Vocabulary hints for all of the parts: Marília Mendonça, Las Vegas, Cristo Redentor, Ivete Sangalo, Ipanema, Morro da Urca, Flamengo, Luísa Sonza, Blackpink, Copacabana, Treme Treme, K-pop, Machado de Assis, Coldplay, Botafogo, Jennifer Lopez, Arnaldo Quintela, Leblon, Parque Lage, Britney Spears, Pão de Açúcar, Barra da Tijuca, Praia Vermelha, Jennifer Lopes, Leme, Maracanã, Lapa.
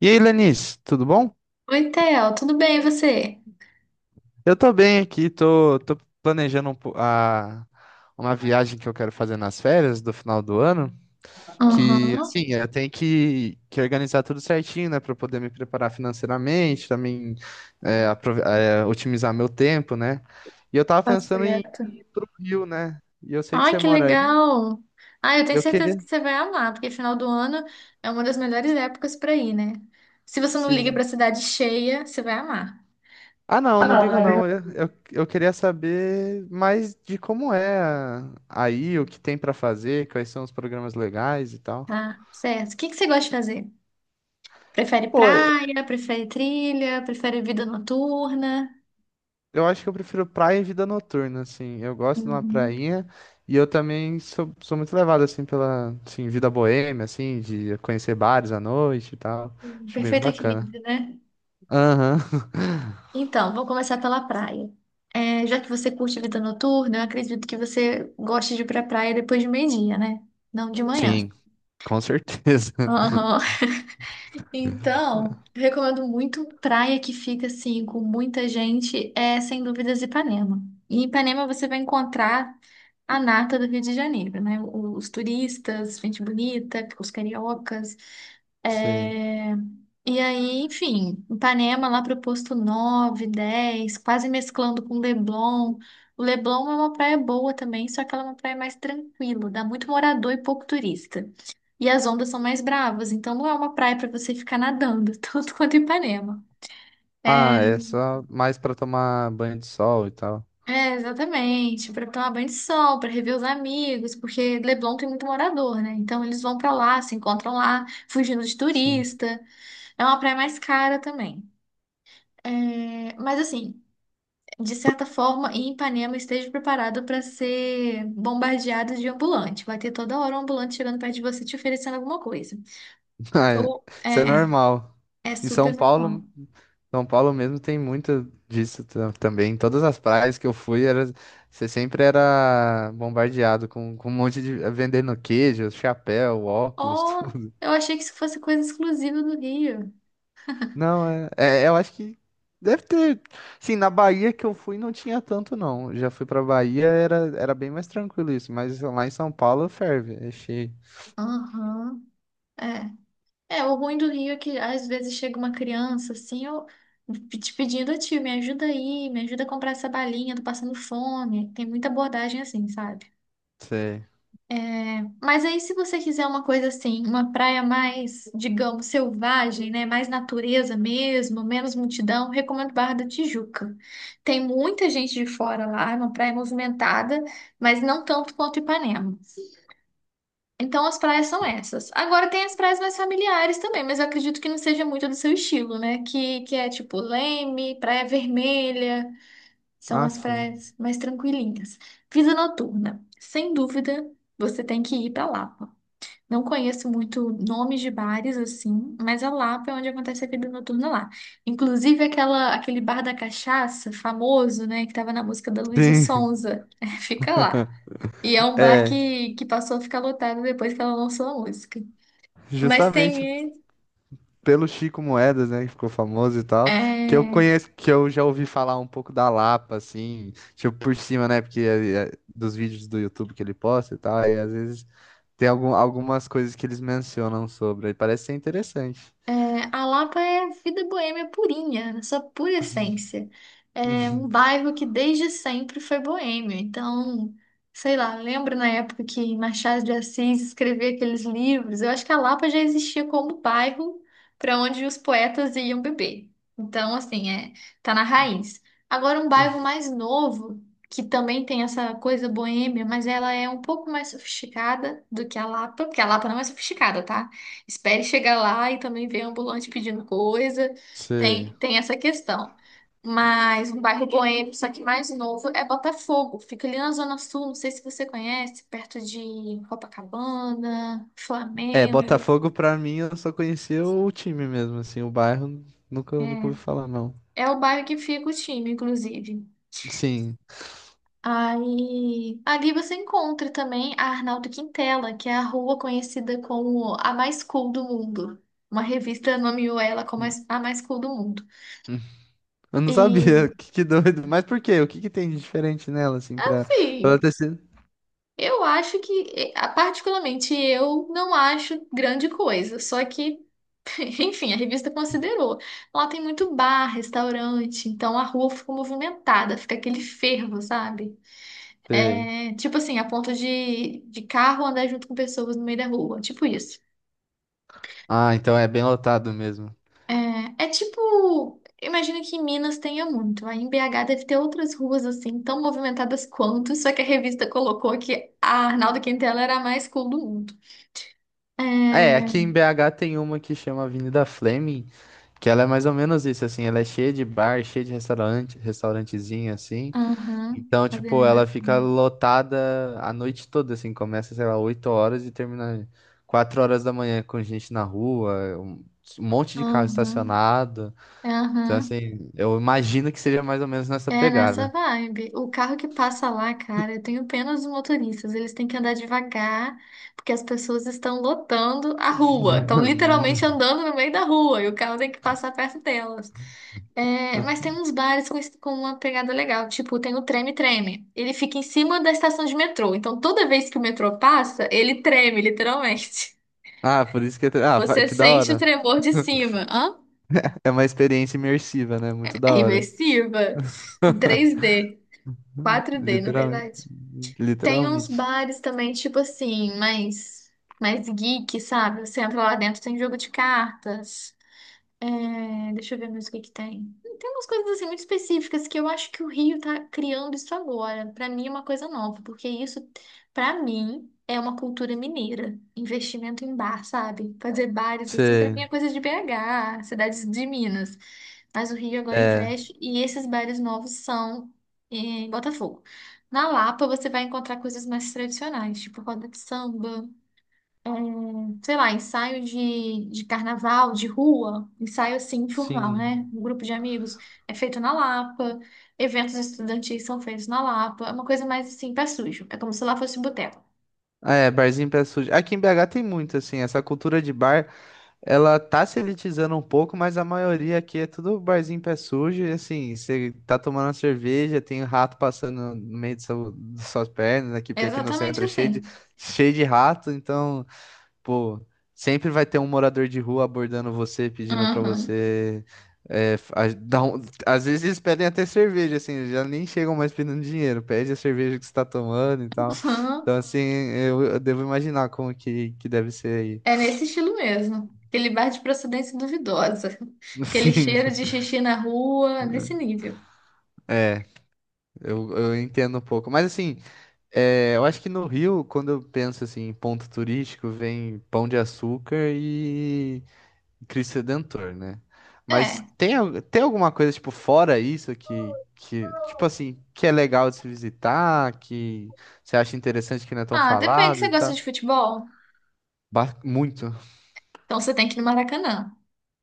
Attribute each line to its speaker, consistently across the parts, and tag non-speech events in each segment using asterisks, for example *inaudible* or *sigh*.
Speaker 1: E aí, Lenice, tudo bom?
Speaker 2: Oi, Theo, tudo bem e você?
Speaker 1: Eu tô bem aqui, tô planejando uma viagem que eu quero fazer nas férias do final do ano,
Speaker 2: Aham,
Speaker 1: que, assim, eu tenho que organizar tudo certinho, né, para poder me preparar financeiramente, também é, otimizar meu tempo, né? E eu tava
Speaker 2: tá
Speaker 1: pensando em
Speaker 2: certo.
Speaker 1: ir pro Rio, né? E eu sei que
Speaker 2: Ai,
Speaker 1: você
Speaker 2: que
Speaker 1: mora aí,
Speaker 2: legal! Ai, eu
Speaker 1: e
Speaker 2: tenho
Speaker 1: eu
Speaker 2: certeza
Speaker 1: queria,
Speaker 2: que você vai amar, porque final do ano é uma das melhores épocas pra ir, né? Se você não liga
Speaker 1: sim.
Speaker 2: pra cidade cheia, você vai amar.
Speaker 1: Ah, não, não ligo não. Eu queria saber mais de aí, o que tem pra fazer, quais são os programas legais e tal.
Speaker 2: Tá, certo. O que você gosta de fazer? Prefere
Speaker 1: Pô, e-
Speaker 2: praia, prefere trilha, prefere vida noturna?
Speaker 1: eu acho que eu prefiro praia e vida noturna, assim. Eu gosto de uma
Speaker 2: Uhum.
Speaker 1: prainha e eu também sou muito levado, assim, assim, vida boêmia, assim, de conhecer bares à noite e tal.
Speaker 2: Um
Speaker 1: Acho bem
Speaker 2: perfeito
Speaker 1: bacana.
Speaker 2: equilíbrio, né?
Speaker 1: Aham. *laughs*
Speaker 2: Então, vou começar pela praia. É, já que você curte vida noturna, eu acredito que você goste de ir pra praia depois de meio-dia, né? Não de manhã.
Speaker 1: Sim, com certeza. *laughs*
Speaker 2: Aham. *laughs* Então, eu recomendo muito praia que fica assim, com muita gente, é sem dúvidas Ipanema. Em Ipanema você vai encontrar a nata do Rio de Janeiro, né? Os turistas, gente bonita, os cariocas.
Speaker 1: Sim.
Speaker 2: é, E aí, enfim, Ipanema lá pro posto 9, 10, quase mesclando com Leblon. O Leblon é uma praia boa também, só que ela é uma praia mais tranquila, dá muito morador e pouco turista. E as ondas são mais bravas, então não é uma praia para você ficar nadando, *laughs* tanto quanto Ipanema. É,
Speaker 1: Ah, é só mais pra tomar banho de sol e tal.
Speaker 2: É, exatamente, para tomar banho de sol, para rever os amigos, porque Leblon tem muito morador, né? Então eles vão para lá, se encontram lá, fugindo de
Speaker 1: Sim.
Speaker 2: turista. É uma praia mais cara também. É, mas assim, de certa forma, em Ipanema esteja preparado para ser bombardeado de ambulante. Vai ter toda hora um ambulante chegando perto de você te oferecendo alguma coisa.
Speaker 1: Ah, é.
Speaker 2: Ou
Speaker 1: Isso é normal.
Speaker 2: é
Speaker 1: Em São
Speaker 2: super normal.
Speaker 1: Paulo, São Paulo mesmo tem muito também. Em todas as praias que eu fui, era, você sempre era bombardeado com um monte de vendendo queijo, chapéu, óculos, *laughs*
Speaker 2: Oh,
Speaker 1: tudo.
Speaker 2: eu achei que isso fosse coisa exclusiva do Rio.
Speaker 1: Não, eu acho que deve ter. Sim, na Bahia que eu fui não tinha tanto, não. Eu já fui pra Bahia, era bem mais tranquilo isso. Mas lá em São Paulo ferve, é cheio.
Speaker 2: Aham. É. É, o ruim do Rio é que às vezes chega uma criança assim, eu te pedindo, "Ô, tio, me ajuda aí, me ajuda a comprar essa balinha, tô passando fome." Tem muita abordagem assim, sabe?
Speaker 1: Sei.
Speaker 2: Mas aí, se você quiser uma coisa assim, uma praia mais, digamos, selvagem, né? Mais natureza mesmo, menos multidão, recomendo Barra da Tijuca. Tem muita gente de fora lá, é uma praia movimentada, mas não tanto quanto Ipanema. Então as praias são
Speaker 1: Sim.
Speaker 2: essas. Agora tem as praias mais familiares também, mas eu acredito que não seja muito do seu estilo, né? Que é tipo Leme, Praia Vermelha, são
Speaker 1: Ah,
Speaker 2: as
Speaker 1: sim.
Speaker 2: praias mais tranquilinhas. Vida noturna, sem dúvida, você tem que ir para Lapa. Não conheço muito nomes de bares assim, mas a Lapa é onde acontece a vida noturna lá. Inclusive aquela, aquele bar da cachaça famoso, né, que tava na música da Luísa
Speaker 1: Sim,
Speaker 2: Sonza, *laughs* fica lá. E é
Speaker 1: *laughs*
Speaker 2: um bar
Speaker 1: é.
Speaker 2: que passou a ficar lotado depois que ela lançou a música. Mas
Speaker 1: Justamente
Speaker 2: tem.
Speaker 1: pelo Chico Moedas, né, que ficou famoso e tal, que eu
Speaker 2: É.
Speaker 1: conheço, que eu já ouvi falar um pouco da Lapa, assim, tipo por cima, né, porque é dos vídeos do YouTube que ele posta e tal, e às vezes tem algumas coisas que eles mencionam sobre, aí parece ser interessante.
Speaker 2: É, a Lapa é vida boêmia purinha, na sua pura essência. É um
Speaker 1: *laughs*
Speaker 2: bairro que desde sempre foi boêmio. Então, sei lá, lembro na época que Machado de Assis escrevia aqueles livros. Eu acho que a Lapa já existia como bairro para onde os poetas iam beber. Então, assim, é, tá na raiz. Agora, um bairro mais novo, que também tem essa coisa boêmia, mas ela é um pouco mais sofisticada do que a Lapa, porque a Lapa não é sofisticada, tá? Espere chegar lá e também ver ambulante pedindo coisa.
Speaker 1: Sei.
Speaker 2: Tem essa questão. Mas um bairro boêmio, só que mais novo, é Botafogo. Fica ali na Zona Sul, não sei se você conhece, perto de Copacabana,
Speaker 1: É,
Speaker 2: Flamengo.
Speaker 1: Botafogo pra mim eu só conhecia o time mesmo, assim, o bairro nunca ouvi
Speaker 2: É,
Speaker 1: falar, não.
Speaker 2: é o bairro que fica o time, inclusive.
Speaker 1: Sim.
Speaker 2: Aí, ali você encontra também a Arnaldo Quintela, que é a rua conhecida como a mais cool do mundo. Uma revista nomeou ela como a mais cool do mundo.
Speaker 1: Eu não
Speaker 2: E,
Speaker 1: sabia, *laughs* que doido. Mas por quê? O que que tem de diferente nela, assim, pra ela
Speaker 2: assim,
Speaker 1: ter sido?
Speaker 2: eu acho que, particularmente, eu não acho grande coisa. Só que, *laughs* enfim, a revista considerou. Lá tem muito bar, restaurante, então a rua fica movimentada, fica aquele fervo, sabe?
Speaker 1: Sei.
Speaker 2: É, tipo assim, a ponto de carro andar junto com pessoas no meio da rua, tipo isso.
Speaker 1: Ah, então é bem lotado mesmo.
Speaker 2: É, é tipo, imagino que em Minas tenha muito. Aí em BH deve ter outras ruas assim, tão movimentadas quanto, só que a revista colocou que a Arnaldo Quintela era a mais cool do mundo.
Speaker 1: É, aqui em
Speaker 2: É,
Speaker 1: BH tem uma que chama Avenida Fleming, que ela é mais ou menos isso, assim, ela é cheia de bar, cheia de restaurante, restaurantezinho, assim.
Speaker 2: aham,
Speaker 1: Então, tipo,
Speaker 2: avenida.
Speaker 1: ela fica
Speaker 2: Fim.
Speaker 1: lotada a noite toda, assim, começa, sei lá, 8 horas e termina 4 horas da manhã com gente na rua, um monte de carro
Speaker 2: Aham,
Speaker 1: estacionado. Então,
Speaker 2: aham.
Speaker 1: assim, eu imagino que seja mais ou menos nessa
Speaker 2: É nessa
Speaker 1: pegada.
Speaker 2: vibe. O carro que passa lá, cara, eu tenho pena dos motoristas. Eles têm que andar devagar, porque as pessoas estão lotando a rua. Estão literalmente
Speaker 1: *laughs*
Speaker 2: andando no meio da rua e o carro tem que passar perto delas. É, mas tem uns bares com, com uma pegada legal. Tipo, tem o Treme Treme. Ele fica em cima da estação de metrô. Então, toda vez que o metrô passa, ele treme, literalmente.
Speaker 1: Ah, por isso que...
Speaker 2: *laughs*
Speaker 1: Ah,
Speaker 2: Você
Speaker 1: que da
Speaker 2: sente o
Speaker 1: hora.
Speaker 2: tremor de cima. Hã?
Speaker 1: É uma experiência imersiva, né? Muito da
Speaker 2: É
Speaker 1: hora.
Speaker 2: imersiva. 3D, 4D, na
Speaker 1: Literalmente.
Speaker 2: verdade. Tem uns
Speaker 1: Literalmente.
Speaker 2: bares também, tipo assim, mais, mais geek, sabe? Você entra lá dentro, tem jogo de cartas. É, deixa eu ver mais o que tem. Tem umas coisas assim muito específicas que eu acho que o Rio tá criando isso agora. Pra mim é uma coisa nova, porque isso, pra mim, é uma cultura mineira. Investimento em bar, sabe? Fazer bares assim, pra
Speaker 1: Você.
Speaker 2: mim é coisa de BH, cidades de Minas. Mas o Rio agora
Speaker 1: É.
Speaker 2: investe e esses bares novos são em Botafogo. Na Lapa você vai encontrar coisas mais tradicionais, tipo roda de samba, é, um, sei lá, ensaio de carnaval, de rua, ensaio assim, informal,
Speaker 1: Sim.
Speaker 2: né? Um grupo de amigos é feito na Lapa, eventos estudantis são feitos na Lapa, é uma coisa mais assim, pé sujo, é como se lá fosse boteco.
Speaker 1: Ah, é, barzinho pé sujo. Aqui em BH tem muito, assim, essa cultura de bar, ela tá se elitizando um pouco, mas a maioria aqui é tudo barzinho pé sujo, e assim, você tá tomando uma cerveja, tem um rato passando no meio das suas pernas aqui,
Speaker 2: É
Speaker 1: porque aqui no
Speaker 2: exatamente
Speaker 1: centro é
Speaker 2: assim.
Speaker 1: cheio de rato, então Pô, sempre vai ter um morador de rua abordando você, pedindo pra
Speaker 2: Uhum. *laughs*
Speaker 1: você. é, f- a- dar um- Às vezes eles pedem até cerveja, assim, já nem chegam mais pedindo dinheiro, pede a cerveja que você tá tomando e tal.
Speaker 2: Uhum.
Speaker 1: Então, assim, eu devo imaginar como que deve ser aí.
Speaker 2: É nesse estilo mesmo. Aquele bar de procedência duvidosa,
Speaker 1: *laughs*
Speaker 2: aquele
Speaker 1: Sim.
Speaker 2: cheiro de xixi na rua, nesse nível.
Speaker 1: É, eu entendo um pouco. Mas assim, é, eu acho que no Rio, quando eu penso assim, em ponto turístico, vem Pão de Açúcar e Cristo Redentor, né? Mas
Speaker 2: É.
Speaker 1: tem, tem alguma coisa, tipo, fora isso tipo assim, que é legal de se visitar, que você acha interessante que não é tão
Speaker 2: Ah, depende,
Speaker 1: falado
Speaker 2: você
Speaker 1: e
Speaker 2: gosta
Speaker 1: tal?
Speaker 2: de futebol?
Speaker 1: Muito,
Speaker 2: Então você tem que ir no Maracanã.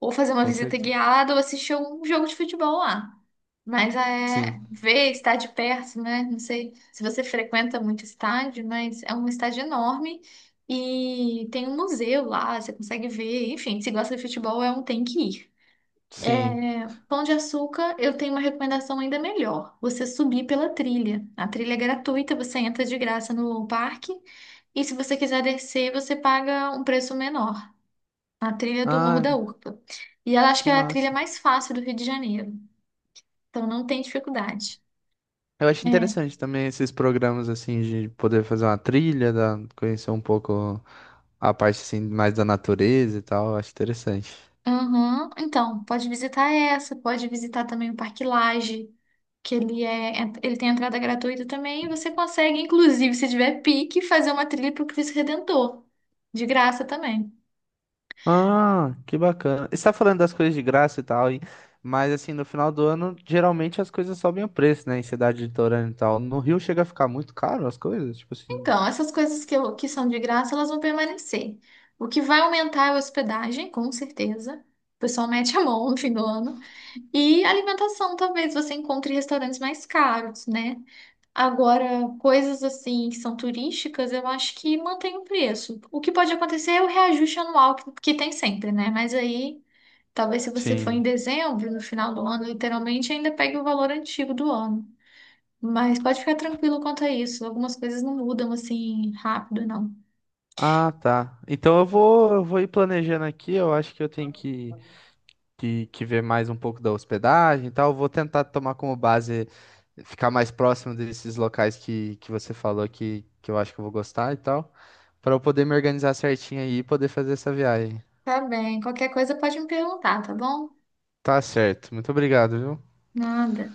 Speaker 2: Ou fazer uma
Speaker 1: com
Speaker 2: visita
Speaker 1: certeza.
Speaker 2: guiada ou assistir um jogo de futebol lá. Mas
Speaker 1: Sim,
Speaker 2: é ver, estar de perto, né? Não sei se você frequenta muito estádio, mas é um estádio enorme e tem um museu lá, você consegue ver. Enfim, se gosta de futebol, é um tem que ir.
Speaker 1: sim.
Speaker 2: É, Pão de Açúcar, eu tenho uma recomendação ainda melhor. Você subir pela trilha. A trilha é gratuita, você entra de graça no parque. E se você quiser descer, você paga um preço menor. A trilha do Morro
Speaker 1: Ah,
Speaker 2: da Urca. E ela acho que
Speaker 1: que
Speaker 2: é a trilha
Speaker 1: massa.
Speaker 2: mais fácil do Rio de Janeiro. Então não tem dificuldade.
Speaker 1: Eu acho
Speaker 2: É.
Speaker 1: interessante também esses programas, assim, de poder fazer uma trilha, conhecer um pouco a parte, assim, mais da natureza e tal. Eu acho interessante.
Speaker 2: Aham. Então, pode visitar essa, pode visitar também o Parque Lage, que ele ele tem entrada gratuita também, e você consegue, inclusive, se tiver pique, fazer uma trilha para o Cristo Redentor. De graça também.
Speaker 1: Ah, que bacana. Você tá falando das coisas de graça e tal, mas assim, no final do ano, geralmente as coisas sobem o preço, né, em cidade litorânea e tal. No Rio chega a ficar muito caro as coisas, tipo assim.
Speaker 2: Então, essas coisas que, que são de graça, elas vão permanecer. O que vai aumentar é a hospedagem, com certeza. O pessoal mete a mão no fim do ano. E alimentação, talvez você encontre restaurantes mais caros, né? Agora, coisas assim que são turísticas, eu acho que mantém o preço. O que pode acontecer é o reajuste anual que tem sempre, né? Mas aí, talvez se você for em
Speaker 1: Sim.
Speaker 2: dezembro, no final do ano, literalmente, ainda pegue o valor antigo do ano. Mas pode ficar tranquilo quanto a isso. Algumas coisas não mudam assim rápido, não.
Speaker 1: Ah, tá. Então eu vou ir planejando aqui. Eu acho que eu tenho que ver mais um pouco da hospedagem e tal. Eu vou tentar tomar como base ficar mais próximo desses locais que você falou que eu acho que eu vou gostar e tal, para eu poder me organizar certinho aí e poder fazer essa viagem.
Speaker 2: Tá bem. Qualquer coisa pode me perguntar, tá bom?
Speaker 1: Tá certo. Muito obrigado, viu?
Speaker 2: Nada.